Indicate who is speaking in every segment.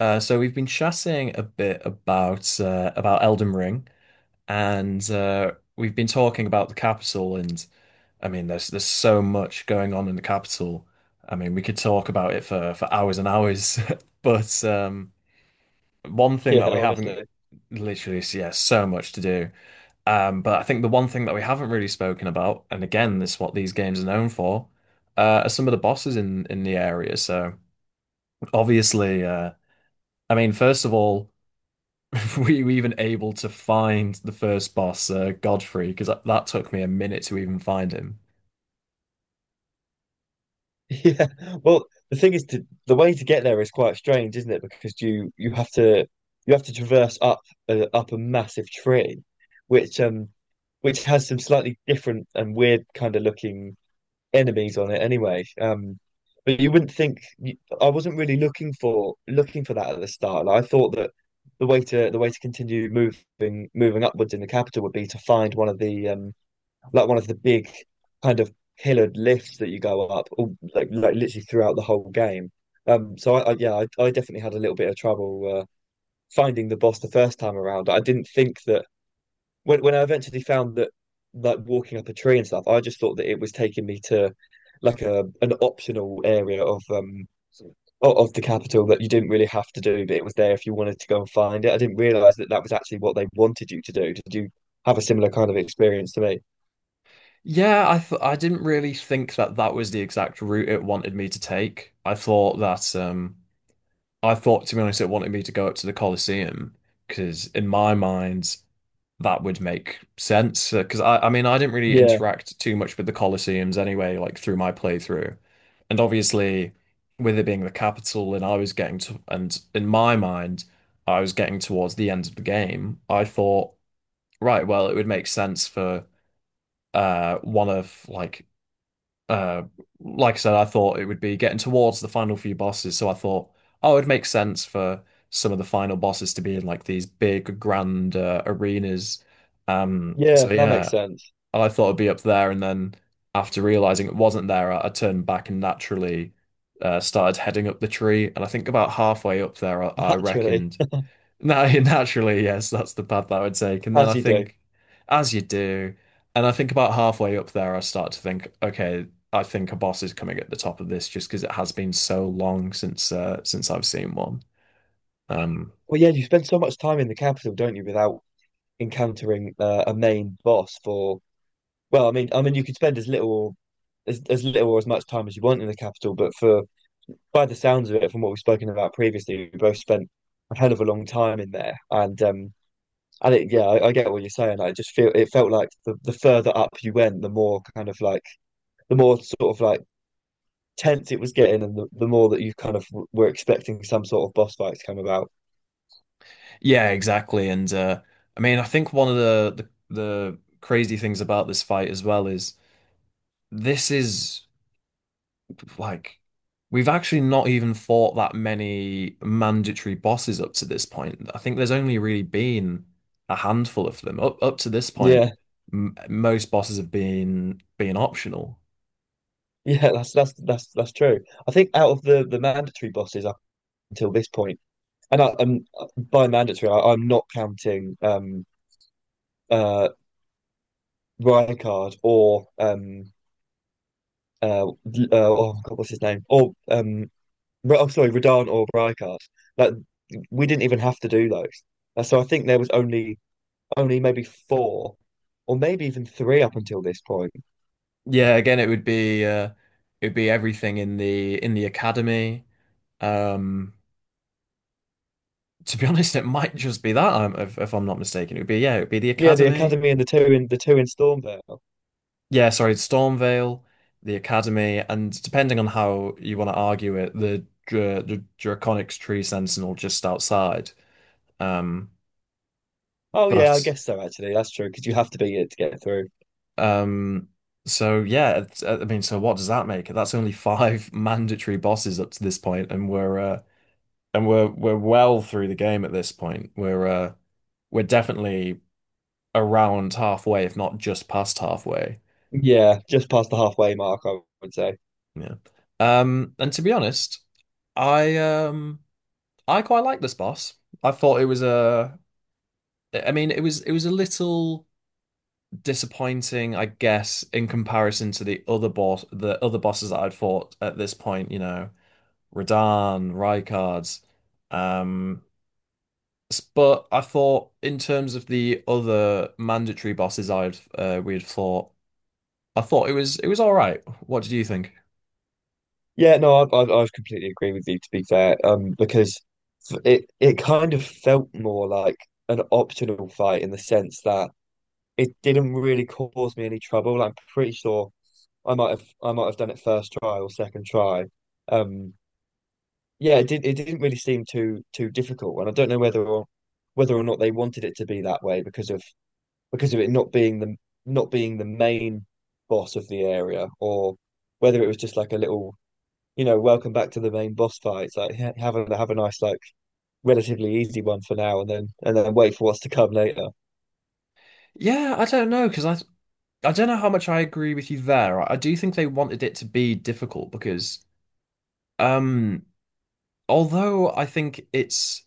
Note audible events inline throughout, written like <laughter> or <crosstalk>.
Speaker 1: So we've been chatting a bit about Elden Ring, and we've been talking about the capital. And I mean, there's so much going on in the capital. I mean, we could talk about it for hours and hours. <laughs> But one thing
Speaker 2: Yeah,
Speaker 1: that we haven't
Speaker 2: honestly. <laughs>
Speaker 1: literally, Yeah, so much to do. But I think the one thing that we haven't really spoken about, and again, this is what these games are known for, are some of the bosses in the area. So obviously, I mean, first of all. <laughs> were you even able to find the first boss, Godfrey? Because that took me a minute to even find him.
Speaker 2: Yeah. Well, the thing is to the way to get there is quite strange, isn't it? Because you have to you have to traverse up a, up a massive tree, which um which has some slightly different and weird kind of looking enemies on it anyway. But you wouldn't think I wasn't really looking for that at the start. Like, I thought that the way to continue moving upwards in the capital would be to find one of the like one of the big kind of pillared lifts that you go up, all, like literally throughout the whole game. So I yeah, I definitely had a little bit of trouble finding the boss the first time around. I didn't think that when I eventually found that like walking up a tree and stuff, I just thought that it was taking me to like a an optional area of the capital that you didn't really have to do, but it was there if you wanted to go and find it. I didn't realize that that was actually what they wanted you to do. Did you have a similar kind of experience to me?
Speaker 1: Yeah, I didn't really think that that was the exact route it wanted me to take. I thought that I thought, to be honest, it wanted me to go up to the Colosseum, because in my mind that would make sense. Because I mean, I didn't really
Speaker 2: Yeah,
Speaker 1: interact too much with the Colosseums anyway, like through my playthrough, and obviously with it being the capital and I was getting to, and in my mind I was getting towards the end of the game, I thought, right, well, it would make sense for one of uh, like I said, I thought it would be getting towards the final few bosses, so I thought, oh, it'd make sense for some of the final bosses to be in like these big grand arenas. Um,
Speaker 2: yeah,
Speaker 1: so
Speaker 2: that makes
Speaker 1: yeah,
Speaker 2: sense.
Speaker 1: I thought it'd be up there, and then after realizing it wasn't there, I turned back and naturally started heading up the tree. And I think about halfway up there,
Speaker 2: <laughs>
Speaker 1: I
Speaker 2: Naturally,
Speaker 1: reckoned no, <laughs> naturally, yes, that's the path that I would take. And then I
Speaker 2: as you do.
Speaker 1: think, as you do, and I think about halfway up there, I start to think, okay, I think a boss is coming at the top of this, just because it has been so long since I've seen one. Um,
Speaker 2: Well, yeah, you spend so much time in the capital, don't you, without encountering a main boss for, well, I mean, you could spend as little or as little or as much time as you want in the capital, but for by the sounds of it, from what we've spoken about previously, we both spent a hell of a long time in there, and yeah, I get what you're saying. I just feel it felt like the further up you went, the more kind of like the more sort of like tense it was getting and the more that you kind of were expecting some sort of boss fight to come about.
Speaker 1: yeah, exactly. And I mean, I think one of the crazy things about this fight as well is. like we've actually not even fought that many mandatory bosses up to this point. I think there's only really been a handful of them up to this point.
Speaker 2: Yeah,
Speaker 1: M Most bosses have been optional.
Speaker 2: <laughs> yeah, that's true. I think out of the mandatory bosses up until this point, and I, and by mandatory, I'm not counting uh Rykard or uh, uh oh God, what's his name? Or I'm sorry, Radan or Rykard. Like we didn't even have to do those. So I think there was only only maybe four or maybe even three up until this point.
Speaker 1: Yeah, again, it would be it'd be everything in the academy. Um, to be <laughs> honest, it might just be that if I'm not mistaken. It would be, yeah, it would be the
Speaker 2: Yeah, the
Speaker 1: academy.
Speaker 2: academy and the two in Stormvale.
Speaker 1: Yeah, sorry, Stormvale, the Academy, and depending on how you want to argue it, the Draconic's Tree Sentinel just outside. Um,
Speaker 2: Oh yeah, I
Speaker 1: but
Speaker 2: guess so actually. That's true because you have to beat it to get through.
Speaker 1: um, so yeah, I mean, so what does that make? That's only five <laughs> mandatory bosses up to this point, and we're we're well through the game at this point. We're definitely around halfway, if not just past halfway.
Speaker 2: Yeah, just past the halfway mark, I would say.
Speaker 1: Yeah. And to be honest, I um. I quite like this boss. I thought it was I mean, it was a little disappointing, I guess, in comparison to the other bosses that I'd fought at this point. You know, Radahn, Rykard. Um, but I thought, in terms of the other mandatory bosses I'd we'd fought, I thought it was all right. What did you think?
Speaker 2: Yeah, no, I completely agree with you to be fair. Because it it kind of felt more like an optional fight in the sense that it didn't really cause me any trouble. I'm pretty sure I might have done it first try or second try. Um, yeah, it did. It didn't really seem too too difficult, and I don't know whether or not they wanted it to be that way because of it not being the not being the main boss of the area, or whether it was just like a little, you know, welcome back to the main boss fight. It's like have a nice like relatively easy one for now, and then wait for what's to come later.
Speaker 1: Yeah, I don't know, because I don't know how much I agree with you there. I do think they wanted it to be difficult because. Um, Although I think it's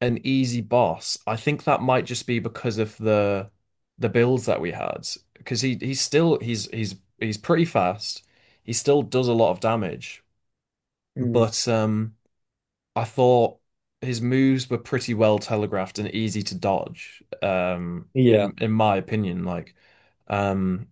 Speaker 1: an easy boss, I think that might just be because of the builds that we had. Because he's still he's pretty fast. He still does a lot of damage,
Speaker 2: Mm.
Speaker 1: but I thought his moves were pretty well telegraphed and easy to dodge.
Speaker 2: Yeah,
Speaker 1: In my opinion, like um,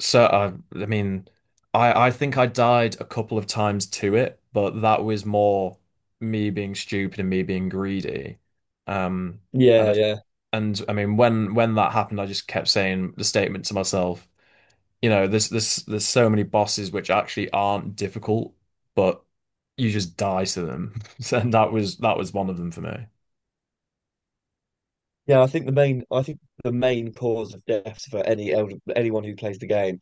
Speaker 1: so I mean, I think I died a couple of times to it, but that was more me being stupid and me being greedy. Um, and
Speaker 2: yeah,
Speaker 1: I,
Speaker 2: yeah,
Speaker 1: and I mean, when that happened, I just kept saying the statement to myself, you know, there's so many bosses which actually aren't difficult, but you just die to them, <laughs> and that was one of them for me.
Speaker 2: yeah. I think the main I think the main cause of deaths for any anyone who plays the game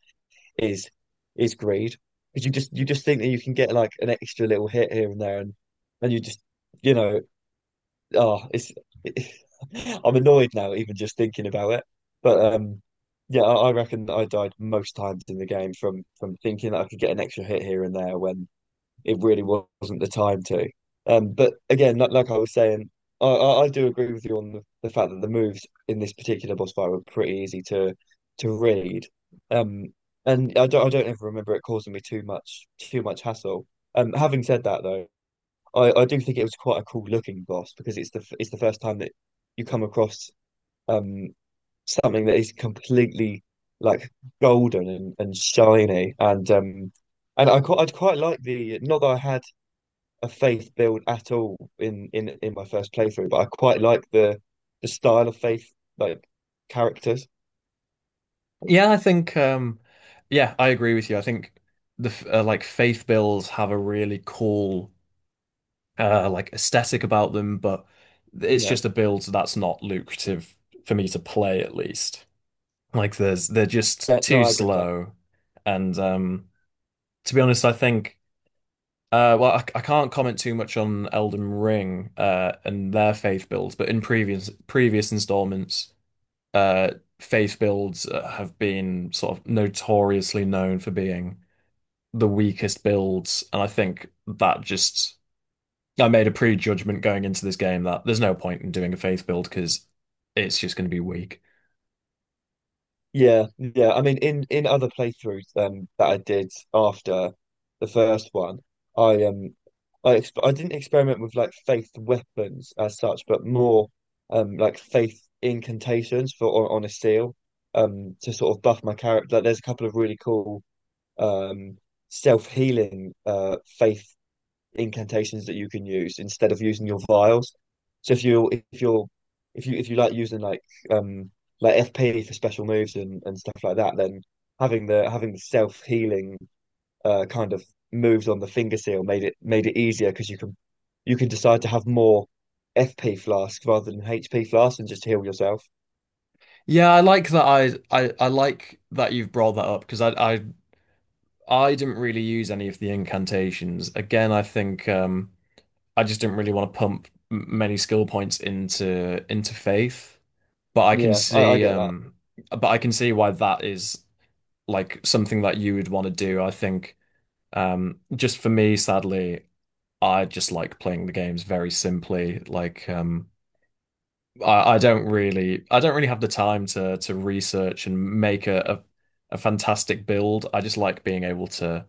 Speaker 2: is is greed because you just think that you can get like an extra little hit here and there and you just you know oh it's <laughs> I'm annoyed now even just thinking about it but yeah I reckon I died most times in the game from thinking that I could get an extra hit here and there when it really wasn't the time to. But again, like I was saying, I do agree with you on the fact that the moves in this particular boss fight were pretty easy to read. Um, and I don't ever remember it causing me too much hassle. Having said that though, I do think it was quite a cool looking boss because it's it's the first time that you come across um something that is completely like golden and shiny and I'd quite like the not that I had a faith build at all in in my first playthrough, but I quite like the style of faith like characters.
Speaker 1: Yeah, I think yeah, I agree with you. I think like faith bills have a really cool like aesthetic about them, but it's
Speaker 2: Yeah.
Speaker 1: just a build that's not lucrative for me to play, at least. Like there's they're just
Speaker 2: Yeah, no,
Speaker 1: too
Speaker 2: I agree with that.
Speaker 1: slow, and to be honest, I think well, I can't comment too much on Elden Ring and their faith builds, but in previous installments uh, faith builds have been sort of notoriously known for being the weakest builds, and I think that just I made a prejudgment going into this game that there's no point in doing a faith build because it's just going to be weak.
Speaker 2: Yeah, yeah. I mean, in other playthroughs that I did after the first one, I um I didn't experiment with like faith weapons as such, but more like faith incantations for on a seal to sort of buff my character. Like, there's a couple of really cool um self-healing faith incantations that you can use instead of using your vials. So if you like using um like FP for special moves and stuff like that, then having the self healing kind of moves on the finger seal made it easier because you can decide to have more FP flasks rather than HP flasks and just heal yourself.
Speaker 1: Yeah, I like that. I like that you've brought that up, because I didn't really use any of the incantations. Again, I think I just didn't really want to pump many skill points into faith. But I can
Speaker 2: Yeah, I
Speaker 1: see,
Speaker 2: get that.
Speaker 1: but I can see why that is, like, something that you would want to do. I think just for me, sadly, I just like playing the games very simply. Like I don't really have the time to research and make a fantastic build. I just like being able to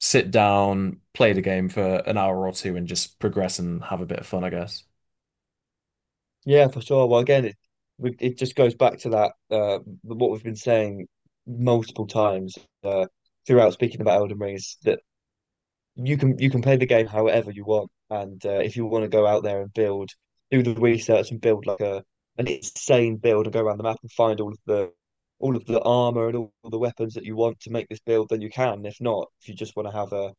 Speaker 1: sit down, play the game for an hour or two, and just progress and have a bit of fun, I guess.
Speaker 2: Yeah, for sure. Well, again, it just goes back to that what we've been saying multiple times uh, throughout speaking about Elden Ring is that you can play the game however you want, and if you want to go out there and build, do the research and build like a an insane build and go around the map and find all of the armor and all the weapons that you want to make this build, then you can. If not, if you just want to have a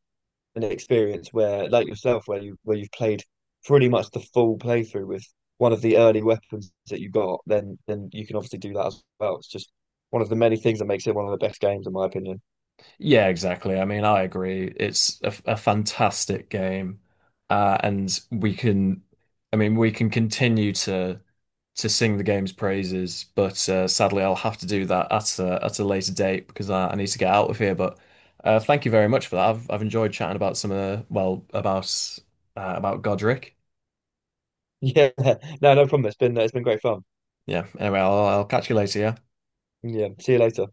Speaker 2: an experience where, like yourself, where you've played pretty much the full playthrough with one of the early weapons that you got, then you can obviously do that as well. It's just one of the many things that makes it one of the best games, in my opinion. <laughs>
Speaker 1: Yeah, exactly. I mean, I agree. It's a fantastic game. And we can, I mean, we can continue to sing the game's praises, but sadly, I'll have to do that at at a later date, because I need to get out of here. But thank you very much for that. I've enjoyed chatting about some of the, well, about Godric.
Speaker 2: Yeah, no, no problem. It's been great fun.
Speaker 1: Yeah. Anyway, I'll catch you later. Yeah.
Speaker 2: Yeah, see you later.